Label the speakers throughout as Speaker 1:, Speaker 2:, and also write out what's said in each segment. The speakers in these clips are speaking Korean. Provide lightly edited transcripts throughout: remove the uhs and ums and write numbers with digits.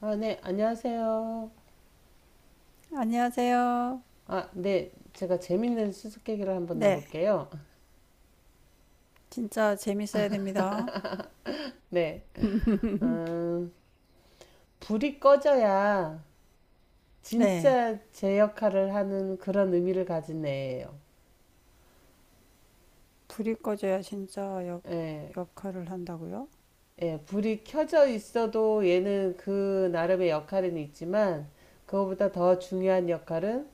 Speaker 1: 아, 네, 안녕하세요.
Speaker 2: 안녕하세요.
Speaker 1: 아, 네, 제가 재밌는 수수께끼를 한번
Speaker 2: 네,
Speaker 1: 내볼게요.
Speaker 2: 진짜 재밌어야 됩니다.
Speaker 1: 네, 음, 불이 꺼져야
Speaker 2: 네,
Speaker 1: 진짜 제 역할을 하는 그런 의미를 가진 애예요.
Speaker 2: 불이 꺼져야 진짜
Speaker 1: 예,
Speaker 2: 역할을 한다고요?
Speaker 1: 예, 불이 켜져 있어도 얘는 그 나름의 역할은 있지만, 그거보다 더 중요한 역할은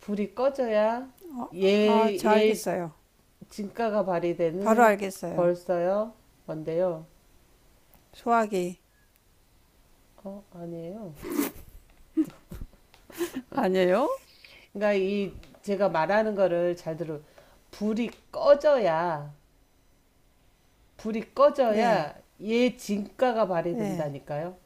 Speaker 1: 불이 꺼져야
Speaker 2: 어,
Speaker 1: 얘,
Speaker 2: 아, 저
Speaker 1: 얘
Speaker 2: 알겠어요.
Speaker 1: 진가가
Speaker 2: 바로
Speaker 1: 발휘되는.
Speaker 2: 알겠어요.
Speaker 1: 벌써요? 뭔데요?
Speaker 2: 소화기.
Speaker 1: 어, 아니에요.
Speaker 2: 아니에요?
Speaker 1: 그러니까 이 제가 말하는 거를 잘 들어. 불이 꺼져야 불이
Speaker 2: 네,
Speaker 1: 꺼져야 얘 진가가
Speaker 2: 네.
Speaker 1: 발휘된다니까요.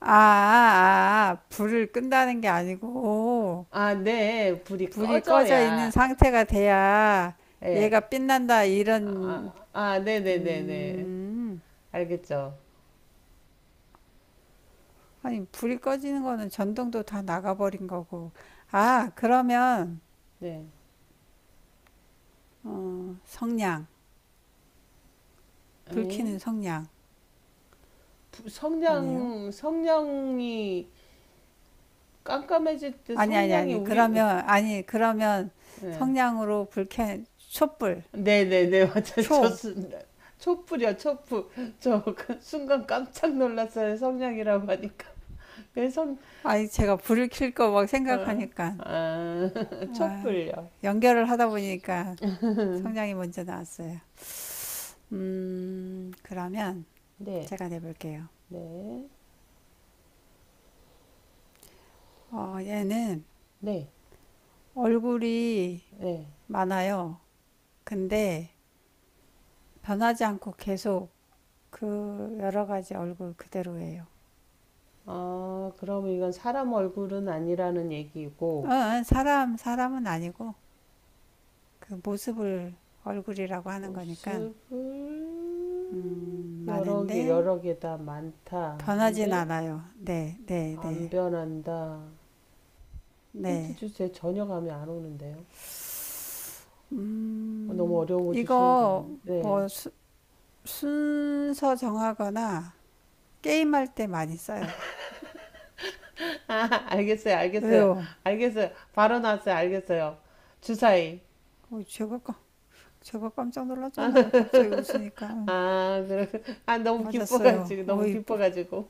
Speaker 2: 불을 끈다는 게 아니고,
Speaker 1: 아, 네. 불이
Speaker 2: 불이 꺼져 있는
Speaker 1: 꺼져야.
Speaker 2: 상태가 돼야
Speaker 1: 예.
Speaker 2: 얘가 빛난다, 이런,
Speaker 1: 아, 아, 네네네네.
Speaker 2: 음,
Speaker 1: 알겠죠.
Speaker 2: 아니, 불이 꺼지는 거는 전등도 다 나가버린 거고. 아, 그러면
Speaker 1: 네.
Speaker 2: 성냥,
Speaker 1: 에이?
Speaker 2: 불키는 성냥 아니에요?
Speaker 1: 성냥이 깜깜해질 때
Speaker 2: 아니 아니
Speaker 1: 성냥이
Speaker 2: 아니
Speaker 1: 우리.
Speaker 2: 그러면 아니 그러면
Speaker 1: 네.
Speaker 2: 성냥으로 불켜 촛불
Speaker 1: 네네네 맞아,
Speaker 2: 초
Speaker 1: 좋습니다. 촛불이야, 촛불. 저 그 순간 깜짝 놀랐어요, 성냥이라고 하니까. 왼손.
Speaker 2: 아니 제가 불을 켤 거 막
Speaker 1: 어.
Speaker 2: 생각하니까
Speaker 1: 아,
Speaker 2: 아,
Speaker 1: 촛불요.
Speaker 2: 연결을 하다 보니까 성냥이 먼저 나왔어요. 그러면
Speaker 1: 네,
Speaker 2: 제가 내볼게요.
Speaker 1: 네,
Speaker 2: 어, 얘는
Speaker 1: 네,
Speaker 2: 얼굴이
Speaker 1: 네.
Speaker 2: 많아요. 근데 변하지 않고 계속 그 여러 가지 얼굴 그대로예요.
Speaker 1: 아, 그럼 이건 사람 얼굴은 아니라는 얘기고.
Speaker 2: 어, 사람 사람은 아니고 그 모습을 얼굴이라고 하는 거니까
Speaker 1: 모습을 여러 개
Speaker 2: 많은데
Speaker 1: 여러 개 다 많다. 근데
Speaker 2: 변하진 않아요. 네, 네,
Speaker 1: 안
Speaker 2: 네,
Speaker 1: 변한다. 힌트
Speaker 2: 네.
Speaker 1: 주세요. 전혀 감이 안 오는데요. 어, 너무 어려운 거 주시는 거 아니에요?
Speaker 2: 이거
Speaker 1: 네.
Speaker 2: 뭐 순서 정하거나 게임할 때 많이 써요.
Speaker 1: 아, 알겠어요. 알겠어요.
Speaker 2: 왜요?
Speaker 1: 알겠어요. 바로 나왔어요. 알겠어요. 주사위.
Speaker 2: 어, 제가 깜짝 놀랐잖아요. 갑자기 웃으니까
Speaker 1: 아, 그러, 아, 너무
Speaker 2: 맞았어요.
Speaker 1: 기뻐가지고, 너무 기뻐가지고.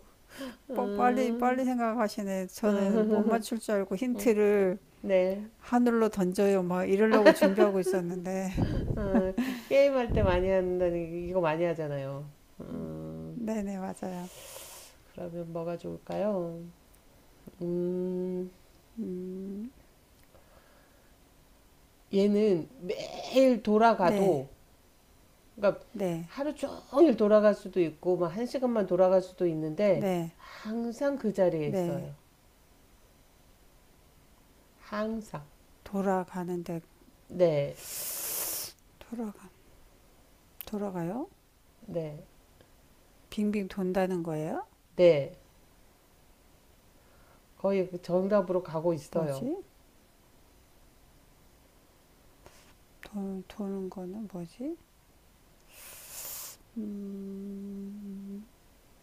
Speaker 2: 빨리 빨리
Speaker 1: 음,
Speaker 2: 생각하시네. 저는 못
Speaker 1: 음,
Speaker 2: 맞출 줄 알고 힌트를
Speaker 1: 네.
Speaker 2: 하늘로 던져요. 막 이러려고 준비하고 있었는데
Speaker 1: 음, 게임할 때 많이 한다니, 이거 많이 하잖아요. 음,
Speaker 2: 네네 맞아요.
Speaker 1: 그러면 뭐가 좋을까요? 음,
Speaker 2: 음,
Speaker 1: 얘는 매일
Speaker 2: 네.
Speaker 1: 돌아가도, 그러니까
Speaker 2: 네,
Speaker 1: 하루 종일 돌아갈 수도 있고, 막 한 시간만 돌아갈 수도 있는데,
Speaker 2: 네,
Speaker 1: 항상 그 자리에
Speaker 2: 네.
Speaker 1: 있어요. 항상.
Speaker 2: 돌아가는데,
Speaker 1: 네,
Speaker 2: 돌아가, 돌아가요?
Speaker 1: 네,
Speaker 2: 빙빙 돈다는 거예요?
Speaker 1: 네. 거의 그 정답으로 가고 있어요.
Speaker 2: 뭐지? 도는 거는 뭐지? 음,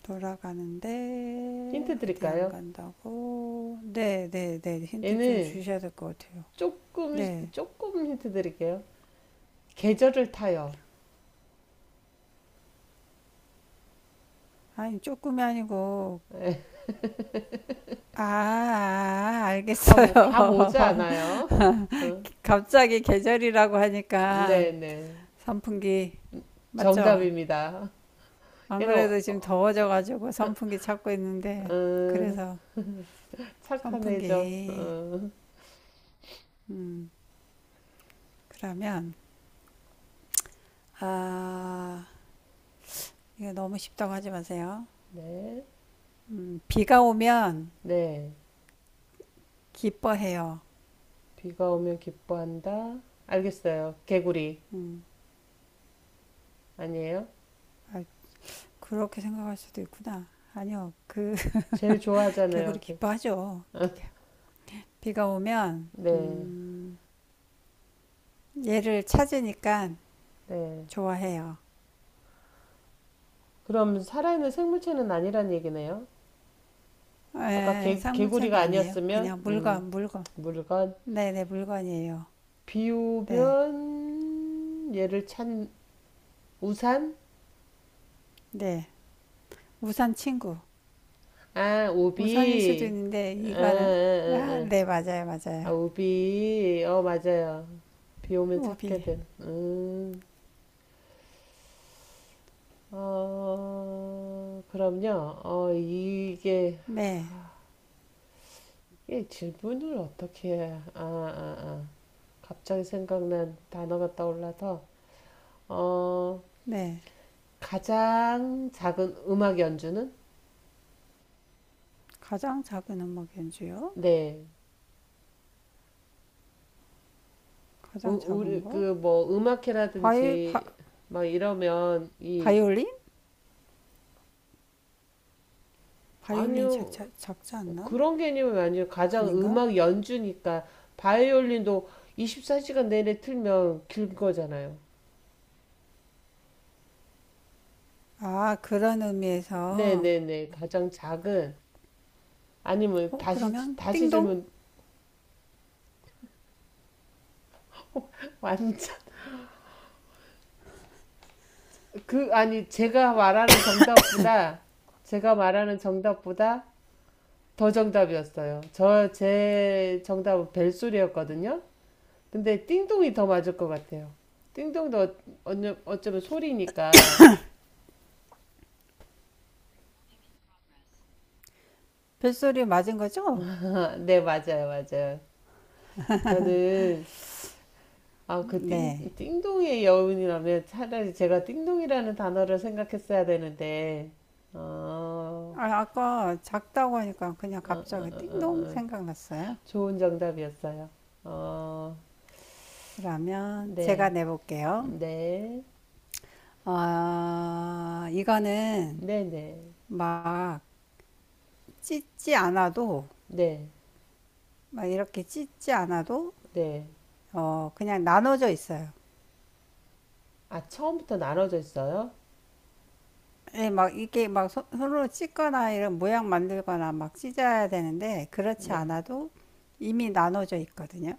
Speaker 2: 돌아가는데,
Speaker 1: 힌트
Speaker 2: 어디 안
Speaker 1: 드릴까요?
Speaker 2: 간다고? 네, 네, 네. 힌트 좀
Speaker 1: 얘는
Speaker 2: 주셔야 될 것 같아요.
Speaker 1: 조금,
Speaker 2: 네.
Speaker 1: 조금 힌트 드릴게요. 계절을 타요.
Speaker 2: 아니, 조금이 아니고,
Speaker 1: 네, 감, 감
Speaker 2: 알겠어요.
Speaker 1: 오지 않아요. 어,
Speaker 2: 갑자기 계절이라고 하니까,
Speaker 1: 네네.
Speaker 2: 선풍기, 맞죠?
Speaker 1: 정답입니다. 얘는, 어,
Speaker 2: 아무래도 지금 더워져가지고 선풍기 찾고 있는데,
Speaker 1: 어,
Speaker 2: 그래서
Speaker 1: 착한 애죠.
Speaker 2: 선풍기,
Speaker 1: 어,
Speaker 2: 음, 그러면, 아, 이 너무 쉽다고 하지 마세요.
Speaker 1: 네.
Speaker 2: 비가 오면
Speaker 1: 네.
Speaker 2: 기뻐해요.
Speaker 1: 비가 오면 기뻐한다. 알겠어요. 개구리.
Speaker 2: 음,
Speaker 1: 아니에요?
Speaker 2: 아, 그렇게 생각할 수도 있구나. 아니요, 그,
Speaker 1: 제일 좋아하잖아요.
Speaker 2: 개구리 기뻐하죠.
Speaker 1: 어.
Speaker 2: 비가 오면,
Speaker 1: 네.
Speaker 2: 얘를 찾으니까
Speaker 1: 네.
Speaker 2: 좋아해요.
Speaker 1: 그럼 살아있는 생물체는 아니란 얘기네요. 아까
Speaker 2: 에, 쌍물차는
Speaker 1: 개구리가
Speaker 2: 아니에요.
Speaker 1: 아니었으면
Speaker 2: 그냥 물건.
Speaker 1: 물건.
Speaker 2: 네네, 물건이에요.
Speaker 1: 비오
Speaker 2: 네,
Speaker 1: 면 얘를 찬 우산?
Speaker 2: 네. 우산 친구.
Speaker 1: 아,
Speaker 2: 우산일 수도
Speaker 1: 우비.
Speaker 2: 있는데
Speaker 1: 아, 아,
Speaker 2: 이거는 아,
Speaker 1: 아,
Speaker 2: 네, 맞아요,
Speaker 1: 아.
Speaker 2: 맞아요.
Speaker 1: 아, 우비. 어, 맞아요. 비 오면 찾게
Speaker 2: 오비.
Speaker 1: 된 어, 그럼요. 어,
Speaker 2: 네,
Speaker 1: 이게 질문을 어떻게 해야. 아, 아, 아. 갑자기 생각난 단어가 떠올라서. 어,
Speaker 2: 네.
Speaker 1: 가장 작은 음악 연주는.
Speaker 2: 가장 작은 음악 연주요?
Speaker 1: 네.
Speaker 2: 가장
Speaker 1: 우리
Speaker 2: 작은 거?
Speaker 1: 그 뭐
Speaker 2: 바이,
Speaker 1: 음악회라든지
Speaker 2: 바,
Speaker 1: 막 이러면 이.
Speaker 2: 바이올린? 바이올린
Speaker 1: 아니요,
Speaker 2: 작지 않나?
Speaker 1: 그런 개념은 아니에요. 가장
Speaker 2: 아닌가?
Speaker 1: 음악 연주니까 바이올린도 24시간 내내 틀면 길 거잖아요.
Speaker 2: 아, 그런 의미에서.
Speaker 1: 네네네, 가장 작은. 아니면
Speaker 2: 어, 그러면
Speaker 1: 다시
Speaker 2: 띵동?
Speaker 1: 질문. 완전. 그 아니, 제가 말하는 정답보다 제가 말하는 정답보다 더 정답이었어요. 저 제 정답은 벨소리였거든요. 근데 띵동이 더 맞을 것 같아요. 띵동도 어쩌면 소리니까.
Speaker 2: 벨소리 맞은 거죠?
Speaker 1: 아, 네, 맞아요, 맞아요. 저는 아, 그
Speaker 2: 네.
Speaker 1: 띵동의 여운이라면 차라리 제가 띵동이라는 단어를 생각했어야 되는데, 어,
Speaker 2: 아, 아까 작다고 하니까 그냥
Speaker 1: 어, 어, 어,
Speaker 2: 갑자기 띵동
Speaker 1: 어.
Speaker 2: 생각났어요.
Speaker 1: 좋은 정답이었어요. 어,
Speaker 2: 그러면 제가
Speaker 1: 네,
Speaker 2: 내볼게요.
Speaker 1: 네,
Speaker 2: 아, 이거는
Speaker 1: 네, 네,
Speaker 2: 막 찢지 않아도
Speaker 1: 네,
Speaker 2: 막 이렇게 찢지 않아도
Speaker 1: 네.
Speaker 2: 어 그냥 나눠져 있어요.
Speaker 1: 아, 처음부터 나눠져 있어요?
Speaker 2: 예, 막 이게 막 손으로 찢거나 이런 모양 만들거나 막 찢어야 되는데 그렇지
Speaker 1: 네.
Speaker 2: 않아도 이미 나눠져 있거든요.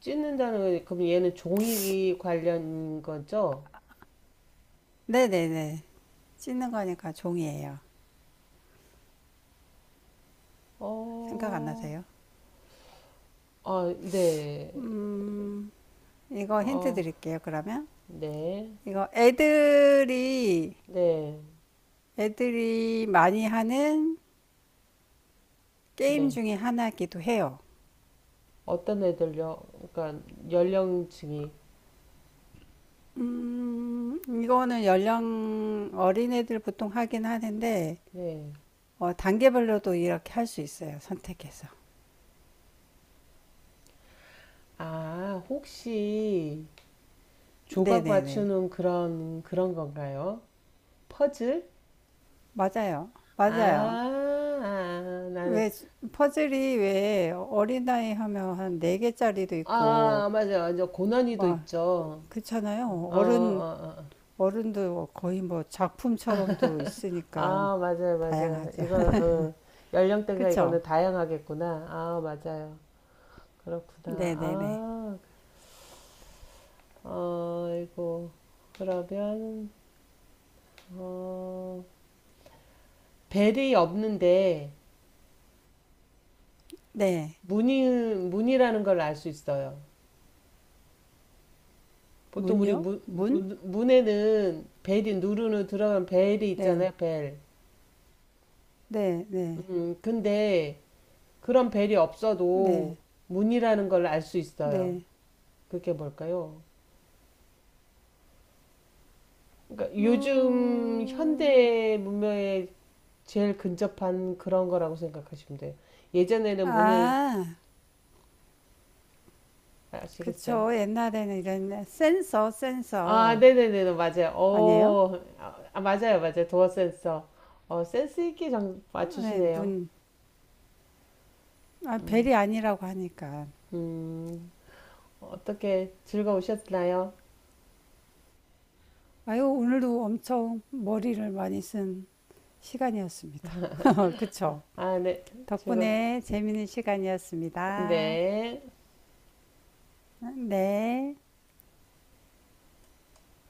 Speaker 1: 찢는다는 건, 그럼 얘는 종이 관련 거죠?
Speaker 2: 네네네. 찢는 거니까 종이에요. 생각 안
Speaker 1: 어,
Speaker 2: 나세요?
Speaker 1: 아, 네.
Speaker 2: 음, 이거 힌트
Speaker 1: 어,
Speaker 2: 드릴게요, 그러면.
Speaker 1: 네.
Speaker 2: 이거 애들이,
Speaker 1: 네.
Speaker 2: 애들이 많이 하는 게임
Speaker 1: 네.
Speaker 2: 중에 하나이기도 해요.
Speaker 1: 어떤 애들요? 그러니까 연령층이.
Speaker 2: 이거는 연령 어린애들 보통 하긴 하는데
Speaker 1: 네.
Speaker 2: 어, 단계별로도 이렇게 할 수 있어요. 선택해서.
Speaker 1: 아, 혹시 조각
Speaker 2: 네네네.
Speaker 1: 맞추는 그런 건가요? 퍼즐?
Speaker 2: 맞아요.
Speaker 1: 아,
Speaker 2: 맞아요.
Speaker 1: 아, 나는.
Speaker 2: 왜 퍼즐이 왜 어린아이 하면 한 네개짜리도
Speaker 1: 아,
Speaker 2: 있고
Speaker 1: 맞아요. 저 고난이도
Speaker 2: 막
Speaker 1: 있죠.
Speaker 2: 그렇잖아요.
Speaker 1: 어,
Speaker 2: 어른
Speaker 1: 어, 어.
Speaker 2: 어른도 거의 뭐 작품처럼도 있으니까
Speaker 1: 아, 맞아요. 맞아요.
Speaker 2: 다양하죠.
Speaker 1: 이거 어, 연령대가
Speaker 2: 그쵸?
Speaker 1: 이거는 다양하겠구나. 아, 맞아요. 그렇구나.
Speaker 2: 네네네.
Speaker 1: 아, 아이고, 그러면, 어, 벨이 없는데,
Speaker 2: 네.
Speaker 1: 문이, 문이라는 걸 알 수 있어요. 보통 우리
Speaker 2: 문요?
Speaker 1: 문,
Speaker 2: 문?
Speaker 1: 문, 문에는 벨이 누르는 들어간 벨이 있잖아요,
Speaker 2: 네.
Speaker 1: 벨.
Speaker 2: 네, 네,
Speaker 1: 근데 그런 벨이
Speaker 2: 네,
Speaker 1: 없어도 문이라는 걸 알 수 있어요.
Speaker 2: 네.
Speaker 1: 그게 뭘까요? 그러니까
Speaker 2: 무
Speaker 1: 요즘 현대 문명에 제일 근접한 그런 거라고 생각하시면 돼요. 예전에는 문을.
Speaker 2: 아,
Speaker 1: 아시겠어요?
Speaker 2: 그쵸. 옛날에는 이런
Speaker 1: 아,
Speaker 2: 센서.
Speaker 1: 네네네, 네, 맞아요.
Speaker 2: 아니에요?
Speaker 1: 어, 아, 맞아요, 맞아요. 도어 센서. 어, 센스 있게 정,
Speaker 2: 네,
Speaker 1: 맞추시네요.
Speaker 2: 문. 아,
Speaker 1: 음,
Speaker 2: 벨이 아니라고 하니까.
Speaker 1: 음, 어떻게 즐거우셨나요?
Speaker 2: 아유, 오늘도 엄청 머리를 많이 쓴 시간이었습니다. 그쵸.
Speaker 1: 아, 네, 즐거,
Speaker 2: 덕분에 재밌는 시간이었습니다.
Speaker 1: 네.
Speaker 2: 네.